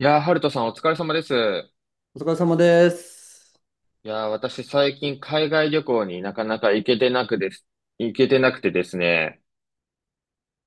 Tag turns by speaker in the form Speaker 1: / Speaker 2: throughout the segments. Speaker 1: いやー、ハルトさんお疲れ様です。
Speaker 2: お疲れ様です。
Speaker 1: いやー、私最近海外旅行になかなか行けてなくてですね。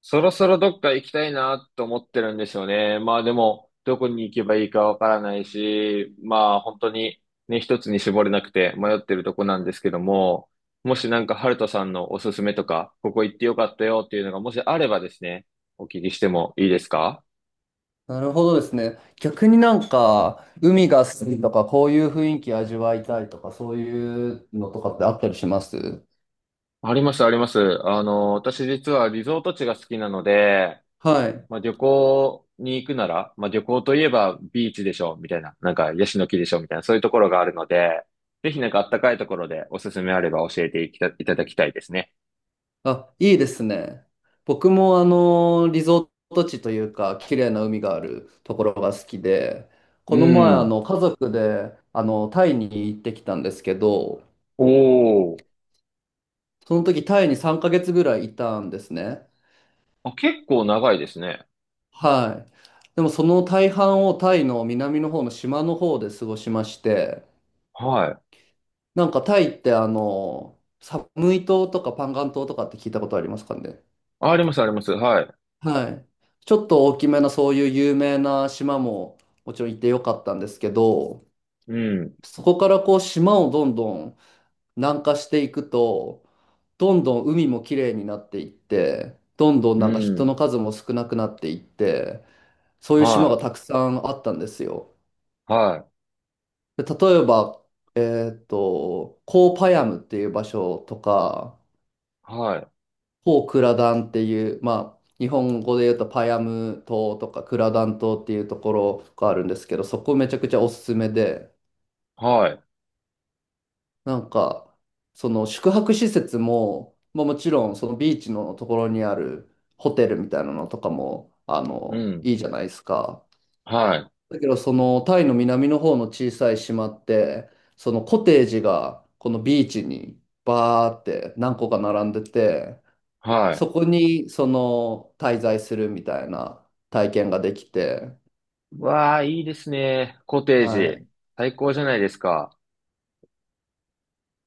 Speaker 1: そろそろどっか行きたいなと思ってるんですよね。まあでも、どこに行けばいいかわからないし、まあ本当にね、一つに絞れなくて迷ってるとこなんですけども、もしなんかハルトさんのおすすめとか、ここ行ってよかったよっていうのがもしあればですね、お聞きしてもいいですか？
Speaker 2: なるほどですね。逆に海が好きとか、こういう雰囲気味わいたいとか、そういうのとかってあったりします？
Speaker 1: あります、あります。私実はリゾート地が好きなので、
Speaker 2: はい。
Speaker 1: まあ、旅行に行くなら、まあ、旅行といえばビーチでしょ、みたいな。なんか、ヤシの木でしょ、みたいな。そういうところがあるので、ぜひなんかあったかいところでおすすめあれば教えていきたいただきたいですね。
Speaker 2: あ、いいですね。僕もリゾート地というか、綺麗な海があるところが好きで、
Speaker 1: う
Speaker 2: この前
Speaker 1: ん。
Speaker 2: 家族でタイに行ってきたんですけど、
Speaker 1: おー。
Speaker 2: その時タイに3ヶ月ぐらいいたんですね。
Speaker 1: あ、結構長いですね。
Speaker 2: はい。でもその大半をタイの南の方の島の方で過ごしまして、
Speaker 1: はい。
Speaker 2: タイってサムイ島とかパンガン島とかって聞いたことありますかね？
Speaker 1: あ、あります、あります。はい。
Speaker 2: はい。ちょっと大きめなそういう有名な島ももちろん行ってよかったんですけど、
Speaker 1: うん。
Speaker 2: そこからこう島をどんどん南下していくと、どんどん海も綺麗になっていって、どんどん
Speaker 1: う
Speaker 2: 人の
Speaker 1: ん。
Speaker 2: 数も少なくなっていって、そういう島が
Speaker 1: は
Speaker 2: たくさんあったんですよ。
Speaker 1: い。はい。
Speaker 2: で例えば、えコーパヤムっていう場所とか、
Speaker 1: はい。
Speaker 2: コークラダンっていう、まあ、日本語で言うとパヤム島とかクラダン島っていうところがあるんですけど、そこめちゃくちゃおすすめで、
Speaker 1: はい。
Speaker 2: なんか、その宿泊施設も、まあ、もちろんそのビーチのところにあるホテルみたいなのとかも、
Speaker 1: うん。
Speaker 2: いいじゃないですか。
Speaker 1: はい。
Speaker 2: だけど、そのタイの南の方の小さい島って、そのコテージがこのビーチにバーって何個か並んでて、
Speaker 1: はい。
Speaker 2: そこにその滞在するみたいな体験ができて、
Speaker 1: わあ、いいですね。コテー
Speaker 2: は
Speaker 1: ジ。
Speaker 2: い。
Speaker 1: 最高じゃないですか。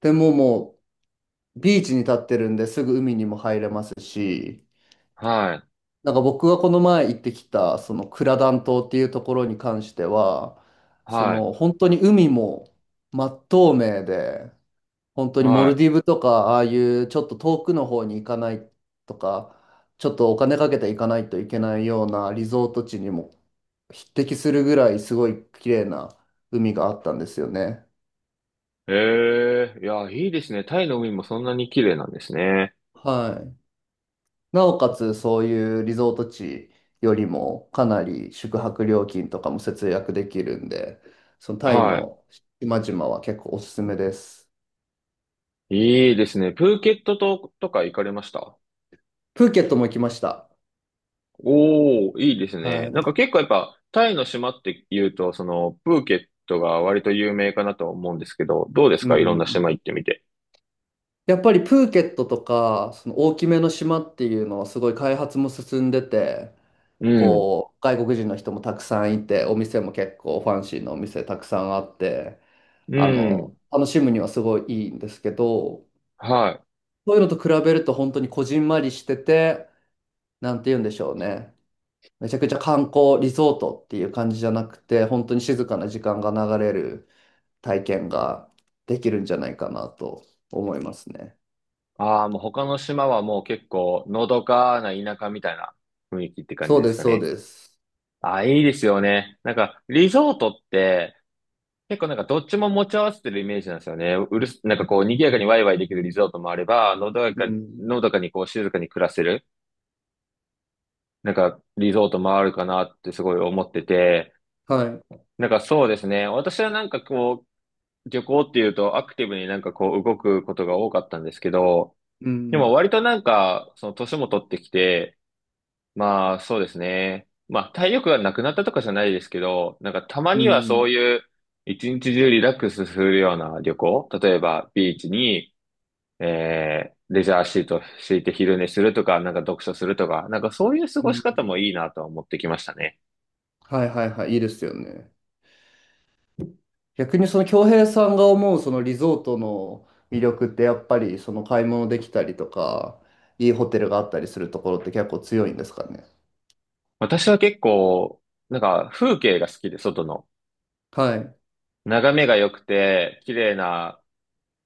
Speaker 2: でももうビーチに立ってるんですぐ海にも入れますし、
Speaker 1: はい。
Speaker 2: 僕がこの前行ってきたそのクラダン島っていうところに関しては、そ
Speaker 1: はい。
Speaker 2: の本当に海も真っ透明で、本当にモ
Speaker 1: は
Speaker 2: ル
Speaker 1: い。
Speaker 2: ディブとか、ああいうちょっと遠くの方に行かないとか、ちょっとお金かけて行かないといけないようなリゾート地にも匹敵するぐらいすごい綺麗な海があったんですよね。
Speaker 1: ええ、いや、いいですね。タイの海もそんなに綺麗なんですね。
Speaker 2: はい。なおかつそういうリゾート地よりもかなり宿泊料金とかも節約できるんで、そのタイ
Speaker 1: は
Speaker 2: の島々は結構おすすめです。
Speaker 1: い。いいですね。プーケットとか行かれました？
Speaker 2: プーケットも行きました。
Speaker 1: おー、いいですね。
Speaker 2: は
Speaker 1: なんか
Speaker 2: い。
Speaker 1: 結構やっぱ、タイの島って言うと、その、プーケットが割と有名かなと思うんですけど、どうです
Speaker 2: う
Speaker 1: か、いろんな島
Speaker 2: ん。
Speaker 1: 行ってみて？
Speaker 2: やっぱりプーケットとか、その大きめの島っていうのはすごい開発も進んでて、
Speaker 1: うん。
Speaker 2: こう、外国人の人もたくさんいて、お店も結構ファンシーなお店たくさんあって、
Speaker 1: うん。
Speaker 2: 楽しむにはすごいいいんですけど、
Speaker 1: はい。
Speaker 2: そういうのと比べると本当にこじんまりしてて、なんて言うんでしょうね。めちゃくちゃ観光リゾートっていう感じじゃなくて、本当に静かな時間が流れる体験ができるんじゃないかなと思いますね。
Speaker 1: ああ、もう他の島はもう結構、のどかな田舎みたいな雰囲気って感じ
Speaker 2: そう
Speaker 1: で
Speaker 2: で
Speaker 1: す
Speaker 2: す、
Speaker 1: か
Speaker 2: そう
Speaker 1: ね。
Speaker 2: です。
Speaker 1: ああ、いいですよね。なんか、リゾートって、結構なんかどっちも持ち合わせてるイメージなんですよね。うるす、なんかこう賑やかにワイワイできるリゾートもあれば、
Speaker 2: う
Speaker 1: の
Speaker 2: ん。
Speaker 1: どかにこう静かに暮らせる、なんかリゾートもあるかなってすごい思ってて、
Speaker 2: はい。
Speaker 1: なんかそうですね。私はなんかこう、旅行っていうとアクティブになんかこう動くことが多かったんですけど、
Speaker 2: う
Speaker 1: でも
Speaker 2: ん。
Speaker 1: 割となんか、その年も取ってきて、まあ、そうですね。まあ、体力がなくなったとかじゃないですけど、なんかたま
Speaker 2: う
Speaker 1: にはそう
Speaker 2: ん。
Speaker 1: いう、一日中リラックスするような旅行、例えばビーチに、レジャーシート敷いて昼寝するとか、なんか読書するとか、なんかそういう過
Speaker 2: う
Speaker 1: ごし
Speaker 2: ん。
Speaker 1: 方もいいなとは思ってきましたね。
Speaker 2: はいはいはい。いいですよね。逆にその恭平さんが思うそのリゾートの魅力ってやっぱりその買い物できたりとか、いいホテルがあったりするところって結構強いんですかね？
Speaker 1: 私は結構、なんか風景が好きで、外の。
Speaker 2: はい。
Speaker 1: 眺めが良くて、綺麗な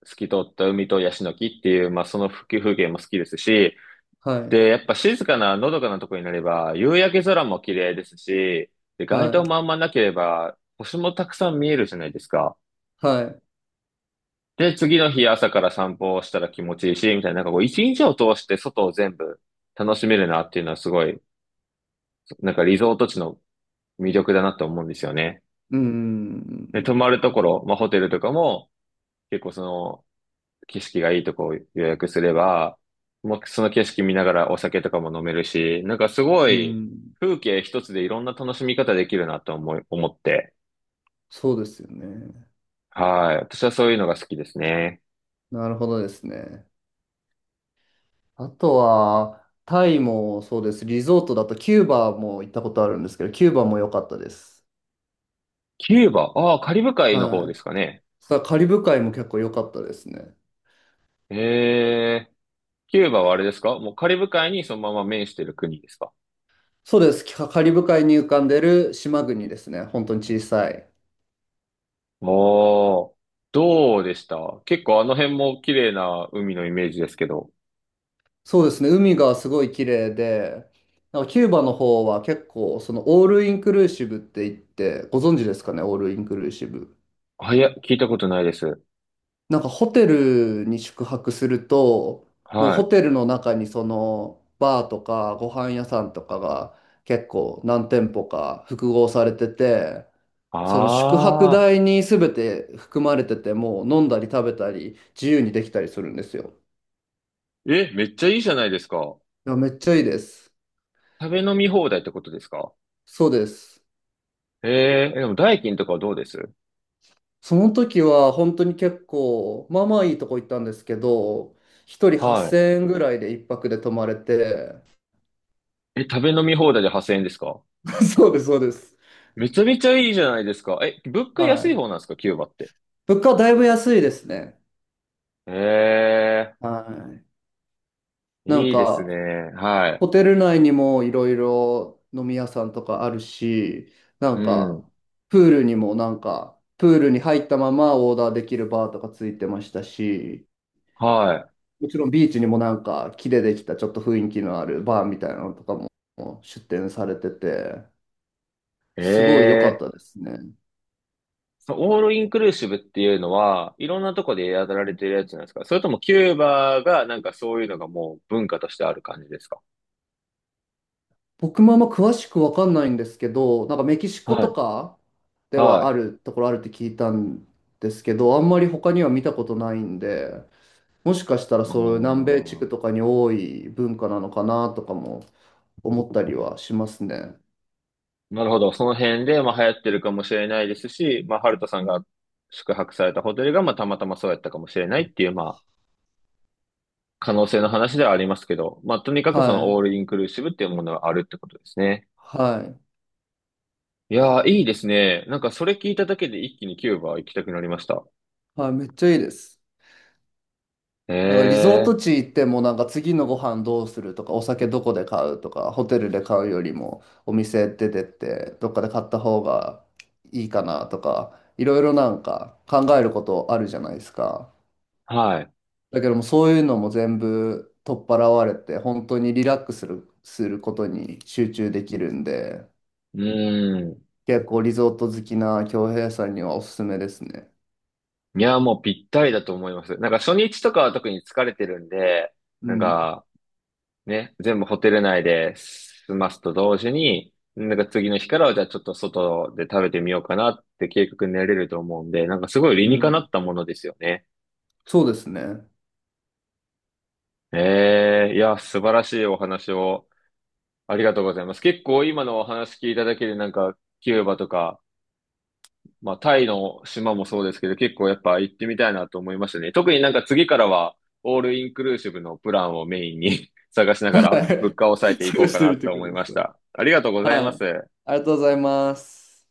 Speaker 1: 透き通った海とヤシの木っていう、まあその風景も好きですし、
Speaker 2: はい。
Speaker 1: で、やっぱ静かな、のどかなとこになれば、夕焼け空も綺麗ですし、で、街
Speaker 2: は
Speaker 1: 灯
Speaker 2: い。
Speaker 1: もあんまなければ、星もたくさん見えるじゃないですか。
Speaker 2: はい。
Speaker 1: で、次の日朝から散歩をしたら気持ちいいし、みたいな、なんかこう、一日を通して外を全部楽しめるなっていうのはすごい、なんかリゾート地の魅力だなと思うんですよね。
Speaker 2: う
Speaker 1: で、泊
Speaker 2: ん。
Speaker 1: まるところ、まあホテルとかも、結構その、景色がいいとこを予約すれば、もうその景色見ながらお酒とかも飲めるし、なんかすご
Speaker 2: う
Speaker 1: い
Speaker 2: ん。
Speaker 1: 風景一つでいろんな楽しみ方できるなと思って。
Speaker 2: そうですよね。
Speaker 1: はい。私はそういうのが好きですね。
Speaker 2: なるほどですね。あとは、タイもそうです。リゾートだとキューバも行ったことあるんですけど、キューバも良かったです。
Speaker 1: キューバ、ああ、カリブ海の方で
Speaker 2: はい。
Speaker 1: すかね。
Speaker 2: さあ、カリブ海も結構良かったですね。
Speaker 1: ええ、キューバはあれですか？もうカリブ海にそのまま面してる国ですか？
Speaker 2: そうです。カリブ海に浮かんでる島国ですね。本当に小さい。
Speaker 1: おー、どうでした？結構あの辺も綺麗な海のイメージですけど。
Speaker 2: そうですね。海がすごい綺麗で、キューバの方は結構、そのオールインクルーシブって言って、ご存知ですかね、オールインクルーシブ。
Speaker 1: あいや、聞いたことないです。
Speaker 2: ホテルに宿泊すると、もう
Speaker 1: は
Speaker 2: ホ
Speaker 1: い。
Speaker 2: テルの中にそのバーとかご飯屋さんとかが結構何店舗か複合されてて、その宿泊
Speaker 1: あ
Speaker 2: 代に全て含まれてて、もう飲んだり食べたり自由にできたりするんですよ。
Speaker 1: え、めっちゃいいじゃないですか。
Speaker 2: いや、めっちゃいいです。
Speaker 1: 食べ飲み放題ってことですか？
Speaker 2: そうです。
Speaker 1: えーえでも代金とかはどうです？
Speaker 2: その時は本当に結構、まあまあいいとこ行ったんですけど、一人
Speaker 1: は
Speaker 2: 8000円ぐらいで一泊で泊まれて、
Speaker 1: い。え、食べ飲み放題で8,000円ですか？
Speaker 2: そうです、そうです。
Speaker 1: めちゃめちゃいいじゃないですか。え、物価
Speaker 2: は
Speaker 1: 安い方な
Speaker 2: い。
Speaker 1: んですか、キューバって？
Speaker 2: 物価はだいぶ安いですね。
Speaker 1: ええ
Speaker 2: はい。
Speaker 1: ー、
Speaker 2: なん
Speaker 1: いいですね。
Speaker 2: か、
Speaker 1: はい。
Speaker 2: ホテル内にもいろいろ飲み屋さんとかあるし、な
Speaker 1: う
Speaker 2: んか、
Speaker 1: ん。
Speaker 2: プールにもプールに入ったままオーダーできるバーとかついてましたし、
Speaker 1: は
Speaker 2: もちろんビーチにも木でできたちょっと雰囲気のあるバーみたいなのとかも出店されてて、
Speaker 1: い。
Speaker 2: すごい良かっ
Speaker 1: えー。
Speaker 2: たですね。
Speaker 1: そのオールインクルーシブっていうのは、いろんなとこでやられてるやつなんですか？それともキューバがなんかそういうのがもう文化としてある感じですか？
Speaker 2: 僕もあんま詳しくわかんないんですけど、メキシコ
Speaker 1: は
Speaker 2: と
Speaker 1: い。
Speaker 2: かで
Speaker 1: は
Speaker 2: はあ
Speaker 1: い。
Speaker 2: るところあるって聞いたんですけど、あんまり他には見たことないんで、もしかしたら
Speaker 1: う
Speaker 2: そういう南米地
Speaker 1: ー
Speaker 2: 区
Speaker 1: ん。
Speaker 2: とかに多い文化なのかなとかも思ったりはしますね。
Speaker 1: なるほど。その辺で、まあ、流行ってるかもしれないですし、まあ、ハルトさんが宿泊されたホテルが、まあ、たまたまそうやったかもしれないっていう、まあ、可能性の話ではありますけど、まあ、とにかくそ
Speaker 2: は
Speaker 1: のオー
Speaker 2: い。
Speaker 1: ルインクルーシブっていうものがあるってことですね。
Speaker 2: はい。
Speaker 1: いやー、いいですね。なんかそれ聞いただけで一気にキューバ行きたくなりました。
Speaker 2: はい。めっちゃいいです。
Speaker 1: へ
Speaker 2: リゾー
Speaker 1: え
Speaker 2: ト地行っても次のご飯どうするとかお酒どこで買うとかホテルで買うよりもお店出てってどっかで買った方がいいかなとかいろいろ考えることあるじゃないですか。
Speaker 1: ー、はい。
Speaker 2: だけどもそういうのも全部取っ払われて本当にリラックスする、することに集中できるんで。
Speaker 1: うーん。
Speaker 2: 結構リゾート好きな京平さんにはおすすめですね。
Speaker 1: いやー、もうぴったりだと思います。なんか初日とかは特に疲れてるんで、
Speaker 2: う
Speaker 1: なん
Speaker 2: ん。
Speaker 1: か、ね、全部ホテル内で済ますと同時に、なんか次の日からはじゃあちょっと外で食べてみようかなって計画になれると思うんで、なんかすごい理
Speaker 2: う
Speaker 1: にかな
Speaker 2: ん。
Speaker 1: ったものですよね。
Speaker 2: そうですね。
Speaker 1: ええいや、素晴らしいお話をありがとうございます。結構今のお話聞いただけでなんかキューバとか、まあタイの島もそうですけど結構やっぱ行ってみたいなと思いましたね。特になんか次からはオールインクルーシブのプランをメインに 探しなが
Speaker 2: は
Speaker 1: ら物
Speaker 2: い。
Speaker 1: 価を抑え ていこ
Speaker 2: 探
Speaker 1: う
Speaker 2: し
Speaker 1: か
Speaker 2: て
Speaker 1: な
Speaker 2: みて
Speaker 1: と
Speaker 2: く
Speaker 1: 思いました。ありがとうご
Speaker 2: だ
Speaker 1: ざ
Speaker 2: さ
Speaker 1: いま
Speaker 2: い。はい。
Speaker 1: す。
Speaker 2: ありがとうございます。